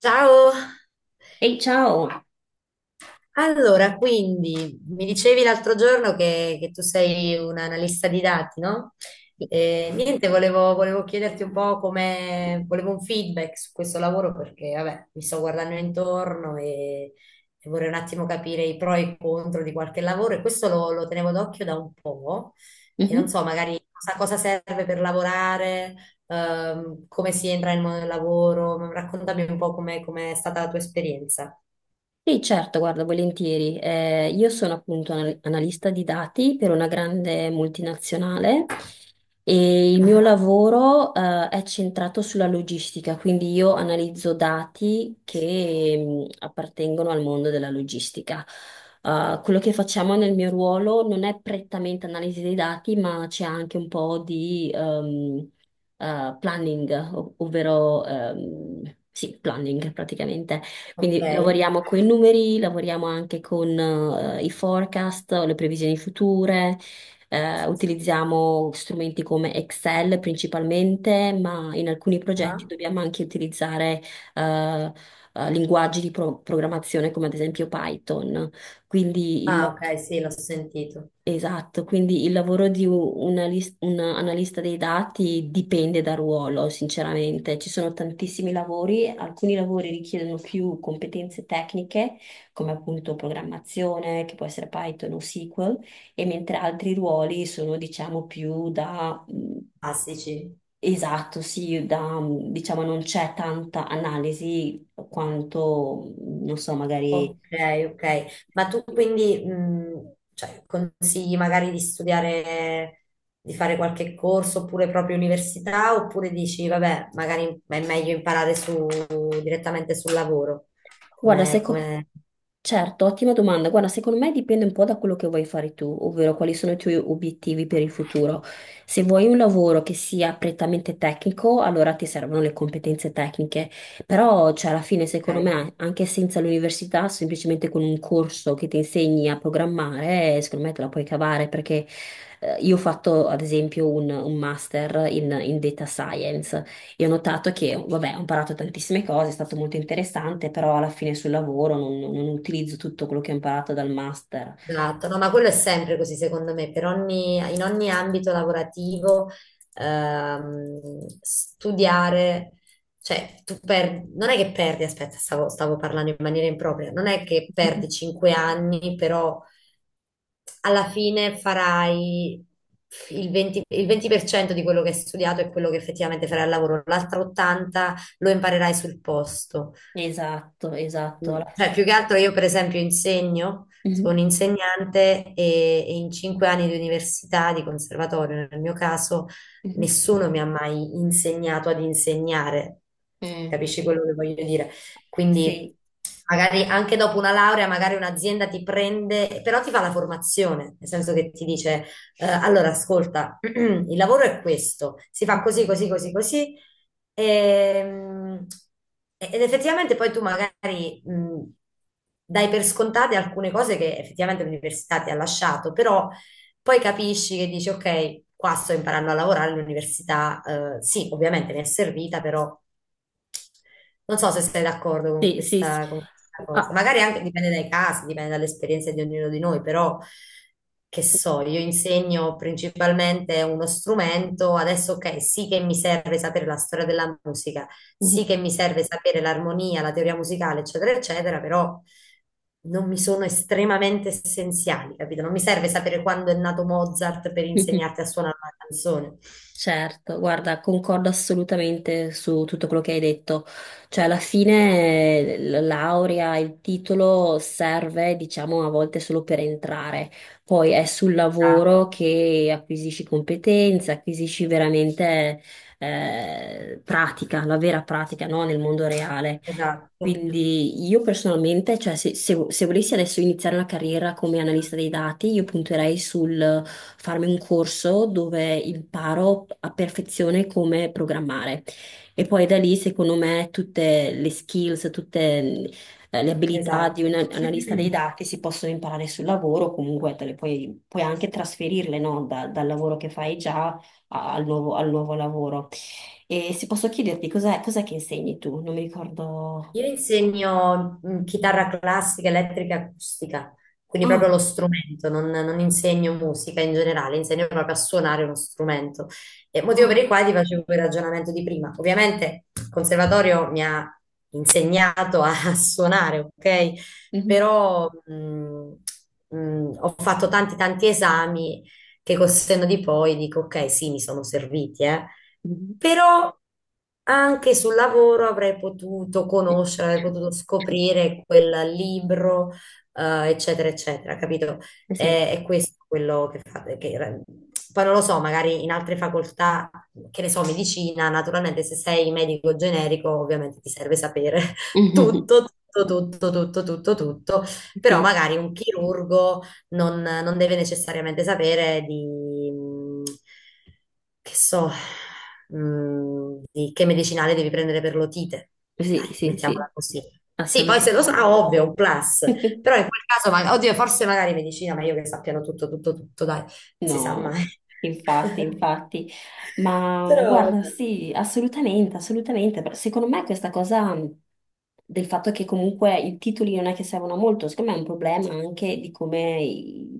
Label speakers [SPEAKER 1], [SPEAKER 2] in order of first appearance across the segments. [SPEAKER 1] Ciao!
[SPEAKER 2] Ehi, ciao!
[SPEAKER 1] Allora, quindi mi dicevi l'altro giorno che tu sei un analista di dati, no? E, niente, volevo chiederti un po' come, volevo un feedback su questo lavoro perché, vabbè, mi sto guardando intorno e vorrei un attimo capire i pro e i contro di qualche lavoro e questo lo tenevo d'occhio da un po' e non
[SPEAKER 2] Mhm.
[SPEAKER 1] so, magari cosa serve per lavorare, come si entra nel mondo del lavoro, raccontami un po' come è stata la tua esperienza.
[SPEAKER 2] Sì, certo, guarda, volentieri. Io sono appunto analista di dati per una grande multinazionale e il mio
[SPEAKER 1] Ah,
[SPEAKER 2] lavoro, è centrato sulla logistica, quindi io analizzo dati che, appartengono al mondo della logistica. Quello che facciamo nel mio ruolo non è prettamente analisi dei dati, ma c'è anche un po' di, planning, ovvero sì, planning praticamente.
[SPEAKER 1] ok.
[SPEAKER 2] Quindi lavoriamo con i numeri, lavoriamo anche con i forecast, le previsioni future, utilizziamo strumenti come Excel principalmente, ma in alcuni progetti
[SPEAKER 1] Ah.
[SPEAKER 2] dobbiamo anche utilizzare eh, linguaggi di programmazione come ad esempio Python. Quindi il
[SPEAKER 1] Ah, ok, sì, l'ho sentito.
[SPEAKER 2] Esatto, quindi il lavoro di un analista dei dati dipende dal ruolo, sinceramente. Ci sono tantissimi lavori, alcuni lavori richiedono più competenze tecniche, come appunto programmazione, che può essere Python o SQL, e mentre altri ruoli sono, diciamo, più da,
[SPEAKER 1] Classici.
[SPEAKER 2] esatto, sì, da, diciamo, non c'è tanta analisi quanto, non so, magari...
[SPEAKER 1] Ok, ok. Ma tu quindi cioè, consigli magari di studiare, di fare qualche corso oppure proprio università, oppure dici, vabbè, magari è meglio imparare direttamente sul lavoro?
[SPEAKER 2] Guarda, sai
[SPEAKER 1] Come,
[SPEAKER 2] co-
[SPEAKER 1] come...
[SPEAKER 2] Certo, ottima domanda. Guarda, secondo me dipende un po' da quello che vuoi fare tu, ovvero quali sono i tuoi obiettivi per il futuro. Se vuoi un lavoro che sia prettamente tecnico, allora ti servono le competenze tecniche, però cioè, alla fine, secondo
[SPEAKER 1] Ok.
[SPEAKER 2] me, anche senza l'università, semplicemente con un corso che ti insegni a programmare, secondo me te la puoi cavare perché io ho fatto, ad esempio, un master in data science. E ho notato che, vabbè, ho imparato tantissime cose, è stato molto interessante, però alla fine sul lavoro non utilizzo tutto quello che ho imparato dal master.
[SPEAKER 1] Esatto, no, ma quello è sempre così secondo me, in ogni ambito lavorativo studiare, cioè non è che perdi, aspetta, stavo parlando in maniera impropria, non è che perdi
[SPEAKER 2] Mhm.
[SPEAKER 1] 5 anni, però alla fine farai il 20, il 20% di quello che hai studiato e quello che effettivamente farai al lavoro, l'altro 80% lo imparerai sul posto.
[SPEAKER 2] Esatto, esatto. Alla-
[SPEAKER 1] Cioè, più che altro io per esempio insegno, sono
[SPEAKER 2] Mhm,
[SPEAKER 1] insegnante e in 5 anni di università, di conservatorio nel mio caso,
[SPEAKER 2] mhm.
[SPEAKER 1] nessuno mi ha mai insegnato ad insegnare,
[SPEAKER 2] Eh,
[SPEAKER 1] capisci quello che voglio dire? Quindi
[SPEAKER 2] Sì,
[SPEAKER 1] magari anche dopo una laurea, magari un'azienda ti prende, però ti fa la formazione, nel senso che ti dice, allora ascolta, il lavoro è questo, si fa così, così, così, così. Ehm, ed effettivamente poi tu magari dai per scontate alcune cose che effettivamente l'università ti ha lasciato, però poi capisci che dici, ok, qua sto imparando a lavorare all'università, sì, ovviamente mi è servita, però non so se sei d'accordo con
[SPEAKER 2] sì, sì, sì.
[SPEAKER 1] questa cosa.
[SPEAKER 2] Ah.
[SPEAKER 1] Magari anche dipende dai casi, dipende dalle esperienze di ognuno di noi, però che so, io insegno principalmente uno strumento, adesso ok, sì che mi serve sapere la storia della musica, sì che mi serve sapere l'armonia, la teoria musicale, eccetera, eccetera, però non mi sono estremamente essenziali, capito? Non mi serve sapere quando è nato Mozart per
[SPEAKER 2] Mhm.
[SPEAKER 1] insegnarti a suonare una canzone.
[SPEAKER 2] Certo, guarda, concordo assolutamente su tutto quello che hai detto. Cioè, alla fine la laurea, il titolo serve, diciamo, a volte solo per entrare. Poi è sul
[SPEAKER 1] Ah.
[SPEAKER 2] lavoro che acquisisci competenze, acquisisci veramente pratica, la vera pratica, no? Nel mondo reale.
[SPEAKER 1] Esatto,
[SPEAKER 2] Quindi io personalmente, cioè se volessi adesso iniziare una carriera come analista dei dati, io punterei sul farmi un corso dove imparo a perfezione come programmare. E poi da lì, secondo me, tutte le skills, tutte le abilità di un
[SPEAKER 1] esatto.
[SPEAKER 2] analista dei dati si possono imparare sul lavoro, comunque te le puoi, puoi anche trasferirle, no? Dal lavoro che fai già al nuovo lavoro. E se posso chiederti, cos'è che insegni tu? Non mi ricordo.
[SPEAKER 1] Io insegno chitarra classica, elettrica e acustica, quindi proprio
[SPEAKER 2] Ah,
[SPEAKER 1] lo strumento, non insegno musica in generale, insegno proprio a suonare uno strumento. E motivo per
[SPEAKER 2] ah,
[SPEAKER 1] il quale ti facevo quel ragionamento di prima. Ovviamente il conservatorio mi ha insegnato a, a suonare, ok?
[SPEAKER 2] mhm.
[SPEAKER 1] Però ho fatto tanti tanti esami che col senno di poi dico, ok, sì, mi sono serviti,
[SPEAKER 2] Mhm.
[SPEAKER 1] però anche sul lavoro avrei potuto conoscere, avrei potuto scoprire quel libro, eccetera, eccetera, capito?
[SPEAKER 2] Sì,
[SPEAKER 1] È, questo quello che fate. Poi non lo so, magari in altre facoltà, che ne so, medicina, naturalmente se sei medico generico, ovviamente ti serve sapere
[SPEAKER 2] mhm.
[SPEAKER 1] tutto, tutto, tutto, tutto, tutto, tutto, però
[SPEAKER 2] Sì,
[SPEAKER 1] magari un chirurgo non deve necessariamente sapere di, che so, di che medicinale devi prendere per l'otite. Dai,
[SPEAKER 2] sì, sì, sì,
[SPEAKER 1] mettiamola così. Sì, poi se lo
[SPEAKER 2] assolutamente.
[SPEAKER 1] sa, ovvio, un plus. Però in quel caso, oddio, forse magari medicina, ma io che sappiano tutto, tutto, tutto, dai, non si sa
[SPEAKER 2] No,
[SPEAKER 1] mai.
[SPEAKER 2] infatti, infatti, ma
[SPEAKER 1] Però,
[SPEAKER 2] guarda, sì, assolutamente, assolutamente. Però secondo me questa cosa del fatto che comunque i titoli non è che servono a molto, secondo me è un problema anche di come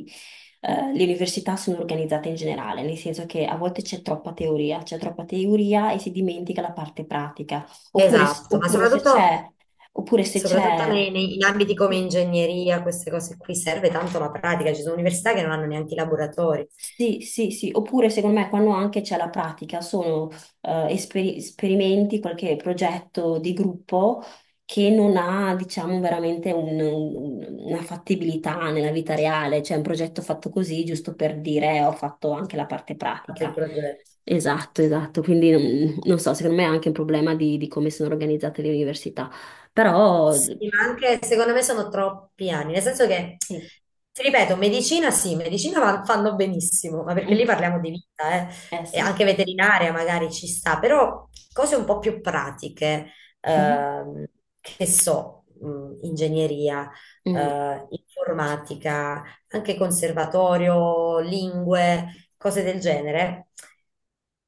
[SPEAKER 2] i- le università sono organizzate in generale, nel senso che a volte c'è troppa teoria e si dimentica la parte pratica, oppure,
[SPEAKER 1] esatto, ma
[SPEAKER 2] oppure se
[SPEAKER 1] soprattutto,
[SPEAKER 2] c'è, oppure se
[SPEAKER 1] soprattutto
[SPEAKER 2] c'è...
[SPEAKER 1] in ambiti come
[SPEAKER 2] Sì,
[SPEAKER 1] ingegneria, queste cose qui serve tanto la pratica, ci sono università che non hanno neanche i laboratori.
[SPEAKER 2] sì, sì, sì, oppure secondo me quando anche c'è la pratica, sono esperimenti, qualche progetto di gruppo che non ha, diciamo, veramente una fattibilità nella vita reale, cioè un progetto fatto così, giusto per dire ho fatto anche la parte
[SPEAKER 1] Fatto il
[SPEAKER 2] pratica."
[SPEAKER 1] progetto.
[SPEAKER 2] Esatto, esatto, quindi non so, secondo me è anche un problema di come sono organizzate le università, però
[SPEAKER 1] Sì, ma anche secondo me sono troppi anni, nel senso che,
[SPEAKER 2] sì,
[SPEAKER 1] ti ripeto, medicina sì, medicina fanno benissimo, ma perché lì
[SPEAKER 2] mm,
[SPEAKER 1] parliamo di vita, eh.
[SPEAKER 2] eh
[SPEAKER 1] E
[SPEAKER 2] sì.
[SPEAKER 1] anche veterinaria magari ci sta, però cose un po' più pratiche,
[SPEAKER 2] Mhm.
[SPEAKER 1] ehm, che so, ingegneria,
[SPEAKER 2] Mm,
[SPEAKER 1] informatica, anche conservatorio, lingue, cose del genere.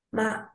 [SPEAKER 1] Ma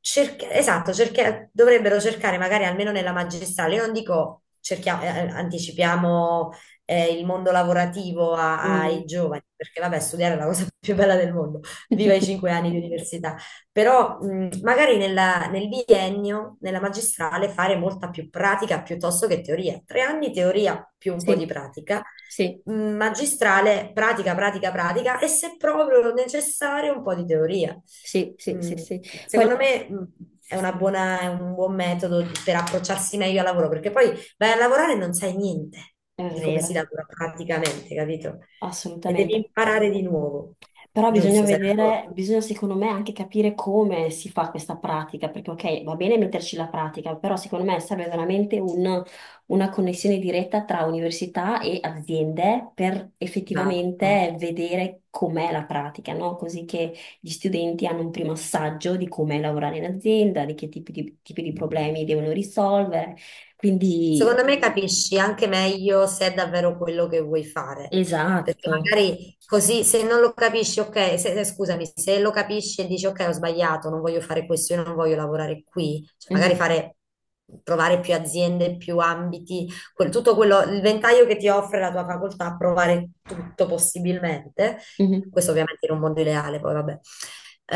[SPEAKER 1] esatto, dovrebbero cercare magari almeno nella magistrale, io non dico anticipiamo il mondo lavorativo ai
[SPEAKER 2] mm.
[SPEAKER 1] giovani, perché vabbè, studiare è la cosa più bella del mondo, viva i 5 anni di università, però magari nel biennio, nella magistrale, fare molta più pratica piuttosto che teoria, 3 anni teoria più un po' di
[SPEAKER 2] Sì,
[SPEAKER 1] pratica
[SPEAKER 2] sì.
[SPEAKER 1] magistrale, pratica, pratica, pratica e se proprio necessario un po' di teoria.
[SPEAKER 2] Sì, sì, sì,
[SPEAKER 1] Mm,
[SPEAKER 2] sì. Poi
[SPEAKER 1] Secondo
[SPEAKER 2] la-
[SPEAKER 1] me è una
[SPEAKER 2] sì,
[SPEAKER 1] buona- è un buon metodo per approcciarsi meglio al lavoro, perché poi vai a lavorare e non sai niente
[SPEAKER 2] è
[SPEAKER 1] di come si
[SPEAKER 2] vero,
[SPEAKER 1] lavora praticamente, capito? E devi
[SPEAKER 2] assolutamente.
[SPEAKER 1] imparare di nuovo,
[SPEAKER 2] Però bisogna
[SPEAKER 1] giusto? Sei
[SPEAKER 2] vedere,
[SPEAKER 1] d'accordo?
[SPEAKER 2] bisogna secondo me anche capire come si fa questa pratica, perché ok, va bene metterci la pratica, però secondo me serve veramente un- una connessione diretta tra università e aziende per
[SPEAKER 1] Esatto.
[SPEAKER 2] effettivamente vedere com'è la pratica, no? Così che gli studenti hanno un primo assaggio di com'è lavorare in azienda, di che tipi di problemi devono risolvere. Quindi,
[SPEAKER 1] Secondo me capisci anche meglio se è davvero quello che vuoi fare, perché
[SPEAKER 2] esatto.
[SPEAKER 1] magari così se non lo capisci, ok, scusami, se lo capisci e dici ok, ho sbagliato, non voglio fare questo, io non voglio lavorare qui, cioè magari
[SPEAKER 2] Mhm,
[SPEAKER 1] fare, provare più aziende, più ambiti, tutto quello, il ventaglio che ti offre la tua facoltà, provare tutto possibilmente,
[SPEAKER 2] mhm,
[SPEAKER 1] questo ovviamente in un mondo ideale, poi vabbè,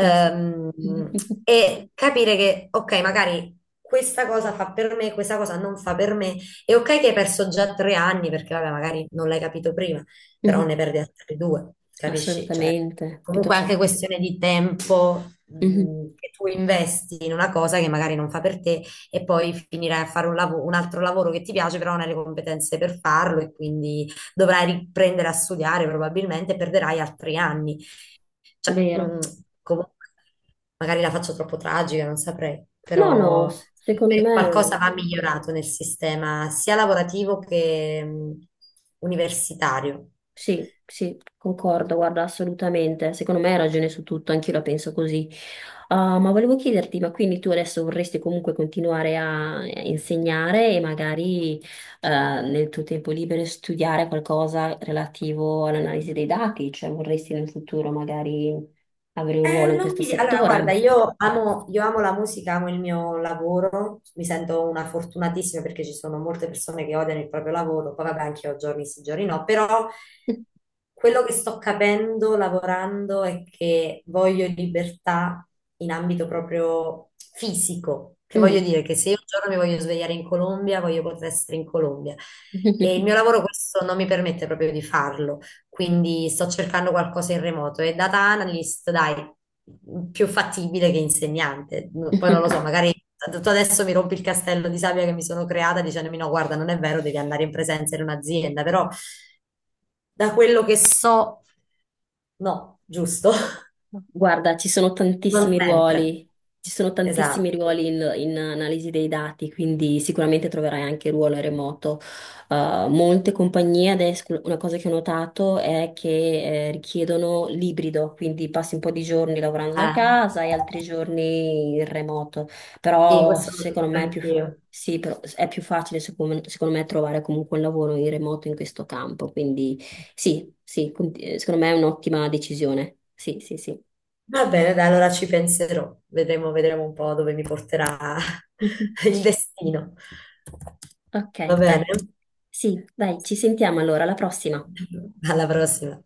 [SPEAKER 2] eh sì. Mhm,
[SPEAKER 1] e capire che ok, magari questa cosa fa per me, questa cosa non fa per me. È ok che hai perso già 3 anni perché vabbè, magari non l'hai capito prima, però
[SPEAKER 2] mhm,
[SPEAKER 1] ne perdi altri due, capisci? Cioè,
[SPEAKER 2] assolutamente,
[SPEAKER 1] comunque è
[SPEAKER 2] piuttosto.
[SPEAKER 1] anche questione di tempo
[SPEAKER 2] Mhm,
[SPEAKER 1] che tu investi in una cosa che magari non fa per te e poi finirai a fare un altro lavoro che ti piace, però non hai le competenze per farlo e quindi dovrai riprendere a studiare probabilmente e perderai altri anni. Cioè,
[SPEAKER 2] vero.
[SPEAKER 1] comunque, magari la faccio troppo tragica, non saprei,
[SPEAKER 2] No, no,
[SPEAKER 1] però
[SPEAKER 2] secondo
[SPEAKER 1] qualcosa
[SPEAKER 2] me
[SPEAKER 1] va migliorato nel sistema sia lavorativo che universitario.
[SPEAKER 2] sì, sì, concordo, guarda, assolutamente. Secondo me hai ragione su tutto, anch'io la penso così. Ah, ma volevo chiederti, ma quindi tu adesso vorresti comunque continuare a insegnare e magari nel tuo tempo libero studiare qualcosa relativo all'analisi dei dati, cioè vorresti nel futuro magari avere un
[SPEAKER 1] Eh,
[SPEAKER 2] ruolo in
[SPEAKER 1] non
[SPEAKER 2] questo
[SPEAKER 1] mi... Allora, guarda,
[SPEAKER 2] settore?
[SPEAKER 1] io amo la musica, amo il mio lavoro, mi sento una fortunatissima perché ci sono molte persone che odiano il proprio lavoro, poi vabbè, anche io giorni sì, giorni no, però quello che sto capendo lavorando è che voglio libertà in ambito proprio fisico, che voglio
[SPEAKER 2] Mm.
[SPEAKER 1] dire che se io un giorno mi voglio svegliare in Colombia, voglio poter essere in Colombia. E il mio lavoro questo non mi permette proprio di farlo quindi sto cercando qualcosa in remoto e data analyst, dai, più fattibile che insegnante. Poi non lo so, magari tu adesso mi rompi il castello di sabbia che mi sono creata dicendomi no, guarda, non è vero, devi andare in presenza in un'azienda, però da quello che so, no, giusto?
[SPEAKER 2] Guarda, ci sono
[SPEAKER 1] Non
[SPEAKER 2] tantissimi
[SPEAKER 1] sempre.
[SPEAKER 2] ruoli, ci sono tantissimi
[SPEAKER 1] Esatto.
[SPEAKER 2] ruoli in analisi dei dati, quindi sicuramente troverai anche ruolo remoto. Molte compagnie adesso, una cosa che ho notato è che richiedono l'ibrido, quindi passi un po' di giorni lavorando da
[SPEAKER 1] Eh,
[SPEAKER 2] casa e altri giorni in remoto,
[SPEAKER 1] sì,
[SPEAKER 2] però
[SPEAKER 1] questo lo
[SPEAKER 2] secondo
[SPEAKER 1] penso
[SPEAKER 2] me è più,
[SPEAKER 1] anch'io.
[SPEAKER 2] sì, però è più facile secondo me trovare comunque un lavoro in remoto in questo campo, quindi sì, sì, secondo me è un'ottima decisione. Sì, sì, sì.
[SPEAKER 1] Va bene, dai, allora ci penserò. Vedremo, vedremo un po' dove mi porterà il destino.
[SPEAKER 2] Ok,
[SPEAKER 1] Va
[SPEAKER 2] dai.
[SPEAKER 1] bene?
[SPEAKER 2] Sì, dai, ci sentiamo allora, alla prossima.
[SPEAKER 1] Alla prossima.